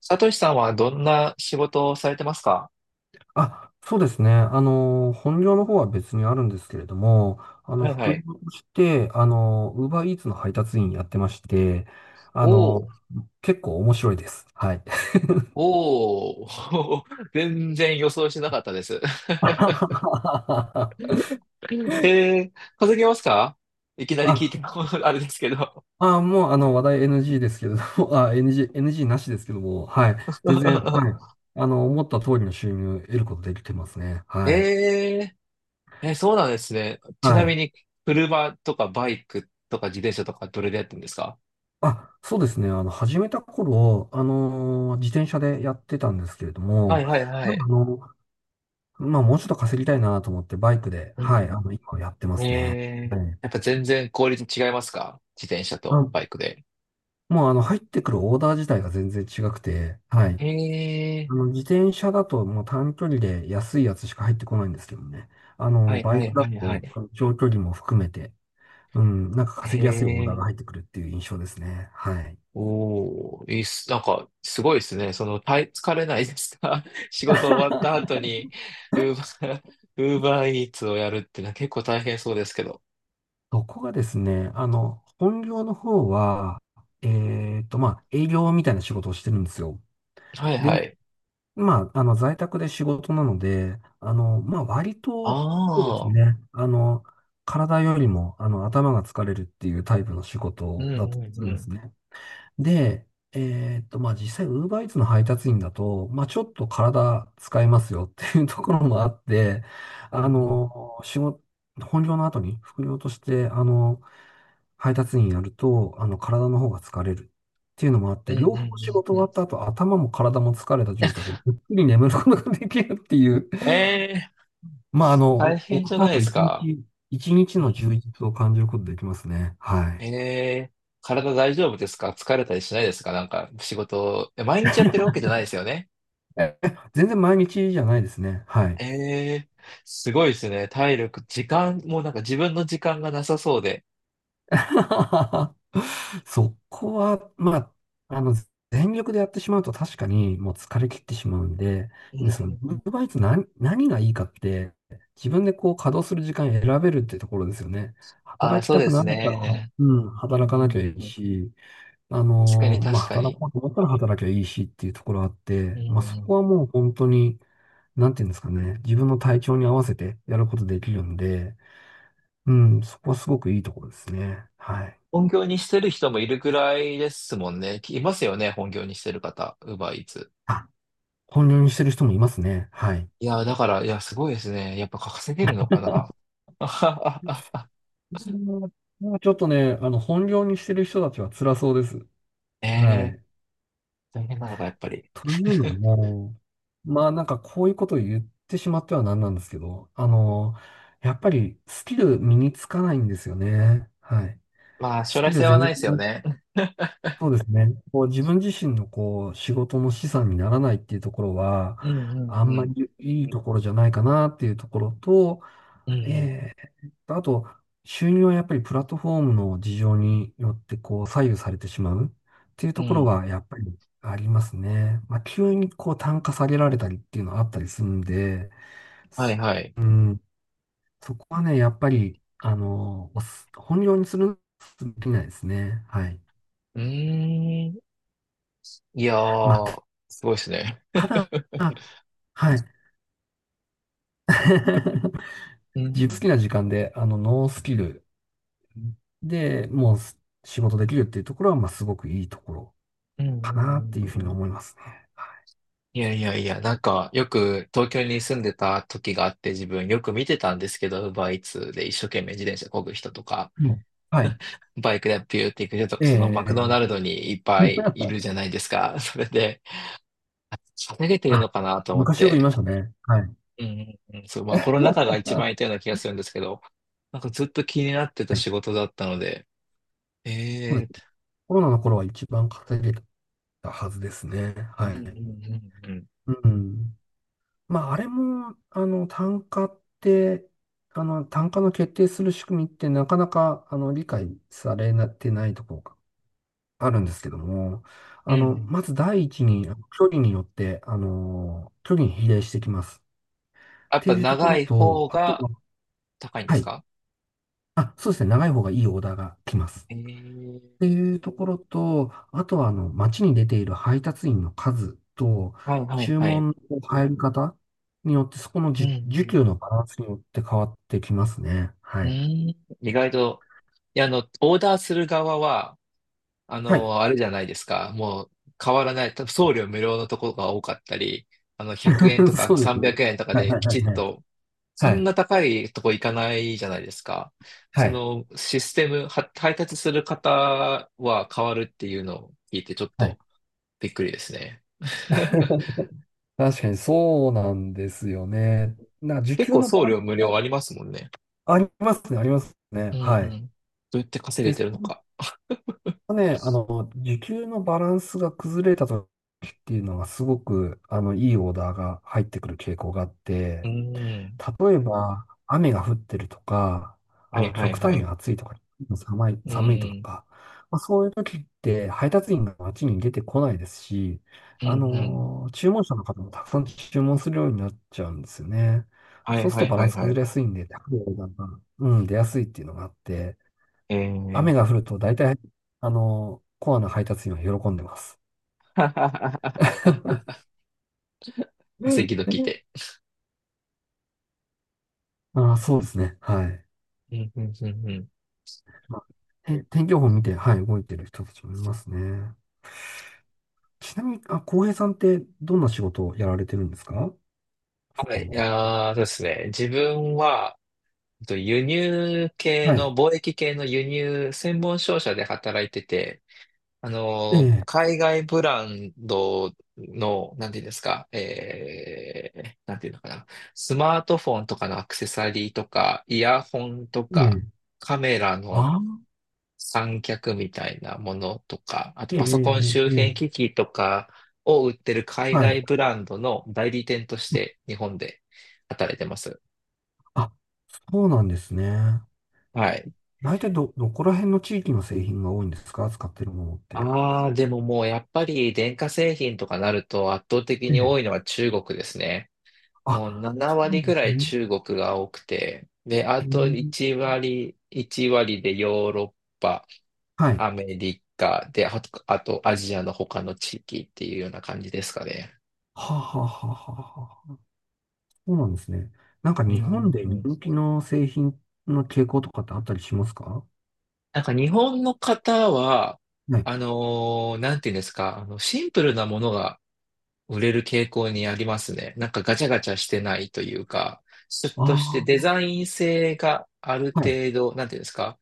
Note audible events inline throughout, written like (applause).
サトシさんはどんな仕事をされてますか？あ、そうですね。本業の方は別にあるんですけれども、はいは副い。業として、ウーバーイーツの配達員やってまして、あの、おー、結構面白いです。はい。おー、(laughs) 全然予想してなかったです。(laughs) あ、(laughs) えー、稼げますか？いきなり聞いても (laughs) あれですけど。もう、話題 NG ですけれども、NG、NG なしですけども、はい。全然、はい。(laughs) 思った通りの収入を得ることできてますね。はい。えそうなんですね。ちはない。みに、車とかバイクとか自転車とかどれでやってるんですか？あ、そうですね。始めた頃、自転車でやってたんですけれどはも、いはいはまあ、あい。の、まあ、もうちょっと稼ぎたいなと思って、バイクで、うはい、ん今やってまうん。すね。はい。やっぱ全然効率違いますか、自転車とバイあ、クで？もう、入ってくるオーダー自体が全然違くて、はえい。ー、自転車だと、もう短距離で安いやつしか入ってこないんですけどね。はいバはイいクだはいはと、い。長距離も含めて、うん、なんか稼ぎやすいオーダーへ、が入ってくるっていう印象ですね。はい。おー、いいっす。なんか、すごいですね。その、疲れないですか (laughs) 仕事終わった (laughs) 後に、ウーバー、(laughs) ウーバーイーツをやるってのは結構大変そうですけど。そこがですね、本業の方は、まあ、営業みたいな仕事をしてるんですよ。はいで、はい。まあ、在宅で仕事なので、まあ、割と、そうですああ、ね、体よりも、頭が疲れるっていうタイプの仕うん事うだとするんうんですん。ね。で、まあ、実際、ウーバーイーツの配達員だと、まあ、ちょっと体使えますよっていうところもあって、うあんの、仕事、本業の後に副業として、配達員やると、体の方が疲れるっていうのもあっうて、んうん両う方ん仕事うん終うわん。った後、頭も体も疲れた状態でぐっくり眠ることができるっていう、ええ、まあ、大終変わじっゃたないで後、すか。一日の充実を感じることできますね。はい。ええー、体大丈夫ですか？疲れたりしないですか？なんか、仕事、毎日やってるわけじゃないですよね？全然毎日じゃないですね。はい。ええ、すごいですね。体力、時間、もうなんか自分の時間がなさそうで。(laughs) そこは、まあ、全力でやってしまうと確かにもう疲れ切ってしまうんで、うんうその、んうウん。ーバイトツ何がいいかって、自分でこう稼働する時間選べるってところですよね。ああ、働きそうたでくすなかったら、はね。うん、うん働かうなんきゃいいうん。し、確かにまあ、確か働に。こうと思ったら働きゃいいしっていうところあっうて、んまあ、そうこん。はもう本当に、なんていうんですかね、自分の体調に合わせてやることできるんで、うん、そこはすごくいいところですね。はい。本業にしてる人もいるぐらいですもんね。いますよね、本業にしてる方。ウーバーイーツ。本業にしてる人もいますね。はい。いや、だから、いや、すごいですね。やっぱ稼げるのかな。(laughs) あはははうん、ちょっとね、本業にしてる人たちは辛そうです。えはえ、い。大変なのか、やっぱり。というの (laughs) も、まあなんかこういうことを言ってしまってはなんなんですけど、やっぱりスキル身につかないんですよね。はい。まあ、ス将来キル性は全ない然、ですよね。そうですね。こう自分自身のこう仕事の資産にならないっていうところは、うんうあんんうまん。りいいところじゃないかなっていうところと、うんえあと、収入はやっぱりプラットフォームの事情によってこう左右されてしまうっていううとん。うころん。はやっぱりありますね。まあ、急にこう単価下げられたりっていうのはあったりするんで、はいすはい。うん、そこはね、やっぱり、本業にする、できないですね。はい。うーん。いやまあ、ー、すごいですね。ただ、はい。(laughs) う自分好きん。な時間で、ノースキルでもうす仕事できるっていうところは、まあ、すごくいいところ。うんうかなってんいうふううんうにん。思いますね。はいやいやいや、なんか、よく東京に住んでた時があって、自分よく見てたんですけど、ウーバーイーツで一生懸命自転車漕ぐ人とか、い。もうはい。バイクでピューって行く人とか、えそのマクドナえ。 ルドにいっぱい (laughs) いるじゃないですか。(laughs) それで、稼げてるあ、のかなと思っ昔よく言いて、ましたね。はい。うんうんうん、そう、まあコロナ (laughs) 禍が一番いたような気がするんですけど、なんかずっと気になってたはい。仕事だったので、そうでえす。ー、コロナの頃は一番稼げたはずですね。うはんうんい。うんうん。うん。まあ、あれも、単価の決定する仕組みってなかなか、理解されてないところがあるんですけども、うんうん。まず第一に、距離によって、距離に比例してきます。っやってぱいうとこ長ろいと、方あとがは、高いんではすい。か？あ、そうですね。長い方がいいオーダーが来ます。えー、っていうところと、あとは、街に出ている配達員の数と、はいはい注はい。文の入り方によって、そこのうんう需ん、給のバランスによって変わってきますね。うはい。ーん、意外と、いや、あの、オーダーする側は、あはい。の、あれじゃないですか。もう変わらない。多分送料無料のところが多かったり、あの、100円と (laughs) そかうですね。300円とかはい、ではい、きはい、ちっはい。と、そはんい。な高いとこ行かないじゃないですか。はそいのシステムは配達する方は変わるっていうのを聞いてちょっはい。 とびっくりですね。(laughs) (laughs) 確かにそうなんですよね。時結給構のバ送ランス料無料あもりますもんね。ありますね、ありますうね。んはうい。ん。どうやって稼げで、てそるのか。ね、あの、時給のバランスが崩れた時っていうのがすごく、いいオーダーが入ってくる傾向があっうて、ん。例えば、雨が降ってるとか、はいは極い端はにい。暑いとか、寒い、う寒いとん、か、まあ、そういう時って配達員が街に出てこないですし、うん、うん。注文者の方もたくさん注文するようになっちゃうんですよね。はいそうするはといバラはンいスは崩い。れやすいんで、高いオーダーが、うん、出やすいっていうのがあって、ええ。 雨が降ると大体、コアな配達員は喜んでます。(laughs) 赤うん、道来て。ああ、そうですね。はい。うん、うん、うん、うん。まあ、天気予報見て、はい、動いてる人たちもいますね。ちなみに、あ、浩平さんってどんな仕事をやられてるんですか？はい、あー、そうですね。自分は、輸入系はい。の、貿易系の輸入専門商社で働いてて、ええ、海外ブランドの、なんていうんですか、なんていうのかな、スマートフォンとかのアクセサリーとか、イヤホンとえか、え、カメラのああ、三脚みたいなものとか、あとええ、パソコンえ周え、え辺え、機器とかを売ってる海はい。外ブランドの代理店として日本で働いてます。あ、そうなんですね。はい。大体どこら辺の地域の製品が多いんですか、使ってるものって？ああ、でももうやっぱり電化製品とかなると圧倒的えに多え。いのは中国ですね。もうあ、7そうなん割ぐでらすいね。中国が多くて、で、あへえ。と1割、1割でヨーロッパ、はい。アメリカで、あと、あとアジアの他の地域っていうような感じですかね。はあはあはあはあは、そうなんですね。なんかうんう日本んでう人ん、気の製品の傾向とかってあったりしますか？なんか日本の方は、はい。なんていうんですか、あの、シンプルなものが売れる傾向にありますね。なんかガチャガチャしてないというか、ちょっとしてデあザイン性があるあ、はい。程度、なんていうんですか、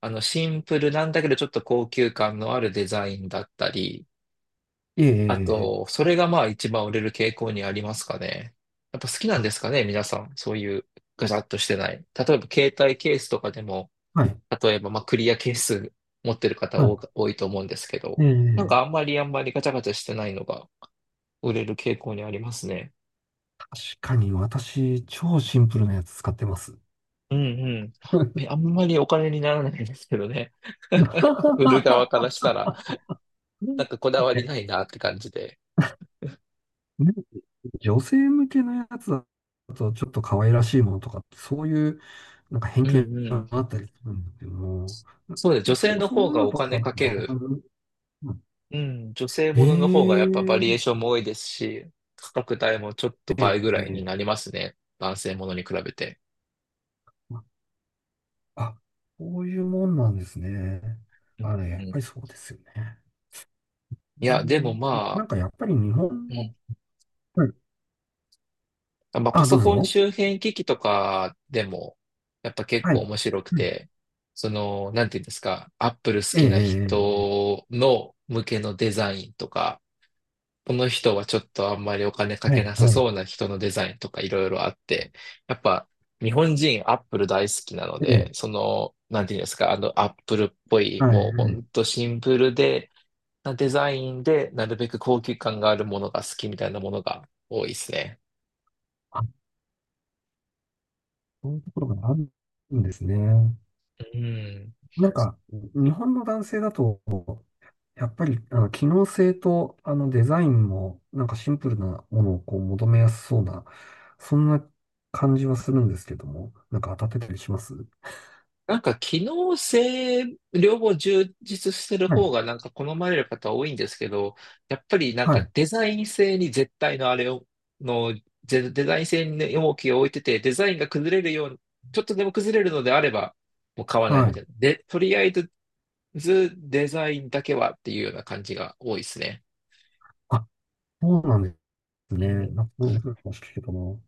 あの、シンプルなんだけどちょっと高級感のあるデザインだったり、ええ、えあえ、ええ、と、それがまあ一番売れる傾向にありますかね。やっぱ好きなんあ、ですかね、皆さん。そういうガチャっとしてない。例えば携帯ケースとかでも、はい。例えば、まあ、クリア係数持ってる方多はか多いと思うんですけい。ど、えなんえ、かあんまりガチャガチャしてないのが売れる傾向にありますね。確かに私、超シンプルなやつ使ってます。うんうん。あん (laughs) まりお金にならないんですけどね。(laughs) 売る側からしたら、なんかこだわりえ、ないなって感じで。ね、女性向けのやつだと、ちょっと可愛らしいものとかって、そういう、なんか偏う見んうん。があったりするんですけども、そうです。女性のそうい方うがのおとか金ってかあけんる。まうん。女性り、ものの方がやっぱバえリエーえ、ションも多いですし、価格帯もちょっとえ倍ぐらいにえ、なりますね。男性ものに比べて。あ、そういうもんなんですね。うんあれ、やうっぱん。りそうですよね。いうや、でもん、まなあ、んかやっぱり日本うん、の、はい。まあ、パあ、どソうコンぞ。周辺機器とかでも、やっぱ結はい。構面白くはい。て、その、なんていうんですか、アップル好ええ、きえなえええ、人の向けのデザインとか、この人はちょっとあんまりお金かはけい、なさはい。そうな人のデザインとかいろいろあって、やっぱ日本人アップル大好きなのえで、え、その、なんていうんですか、あのアップルっぽい、はい、もうほはい。んとシンプルで、なデザインで、なるべく高級感があるものが好きみたいなものが多いですね。あ、そういうところがあるんですね。うん。なんか、日本の男性だと、やっぱり、機能性と、デザインも、なんかシンプルなものをこう求めやすそうな、そんな感じはするんですけども、なんか当たってたりします？なんか機能性、両方充実してるはい、方がなんか好まれる方多いんですけど、やっぱりなんはかい、デザイン性に絶対のあれを、の、デザイン性に重きを置いてて、デザインが崩れるように、ちょっとでも崩れるのであれば、もう買わないはみたいい。な。で、とりあえずデザインだけはっていうような感じが多いですね。あ、そうなんですうね。んなんか、そうそうかもしれないけどな。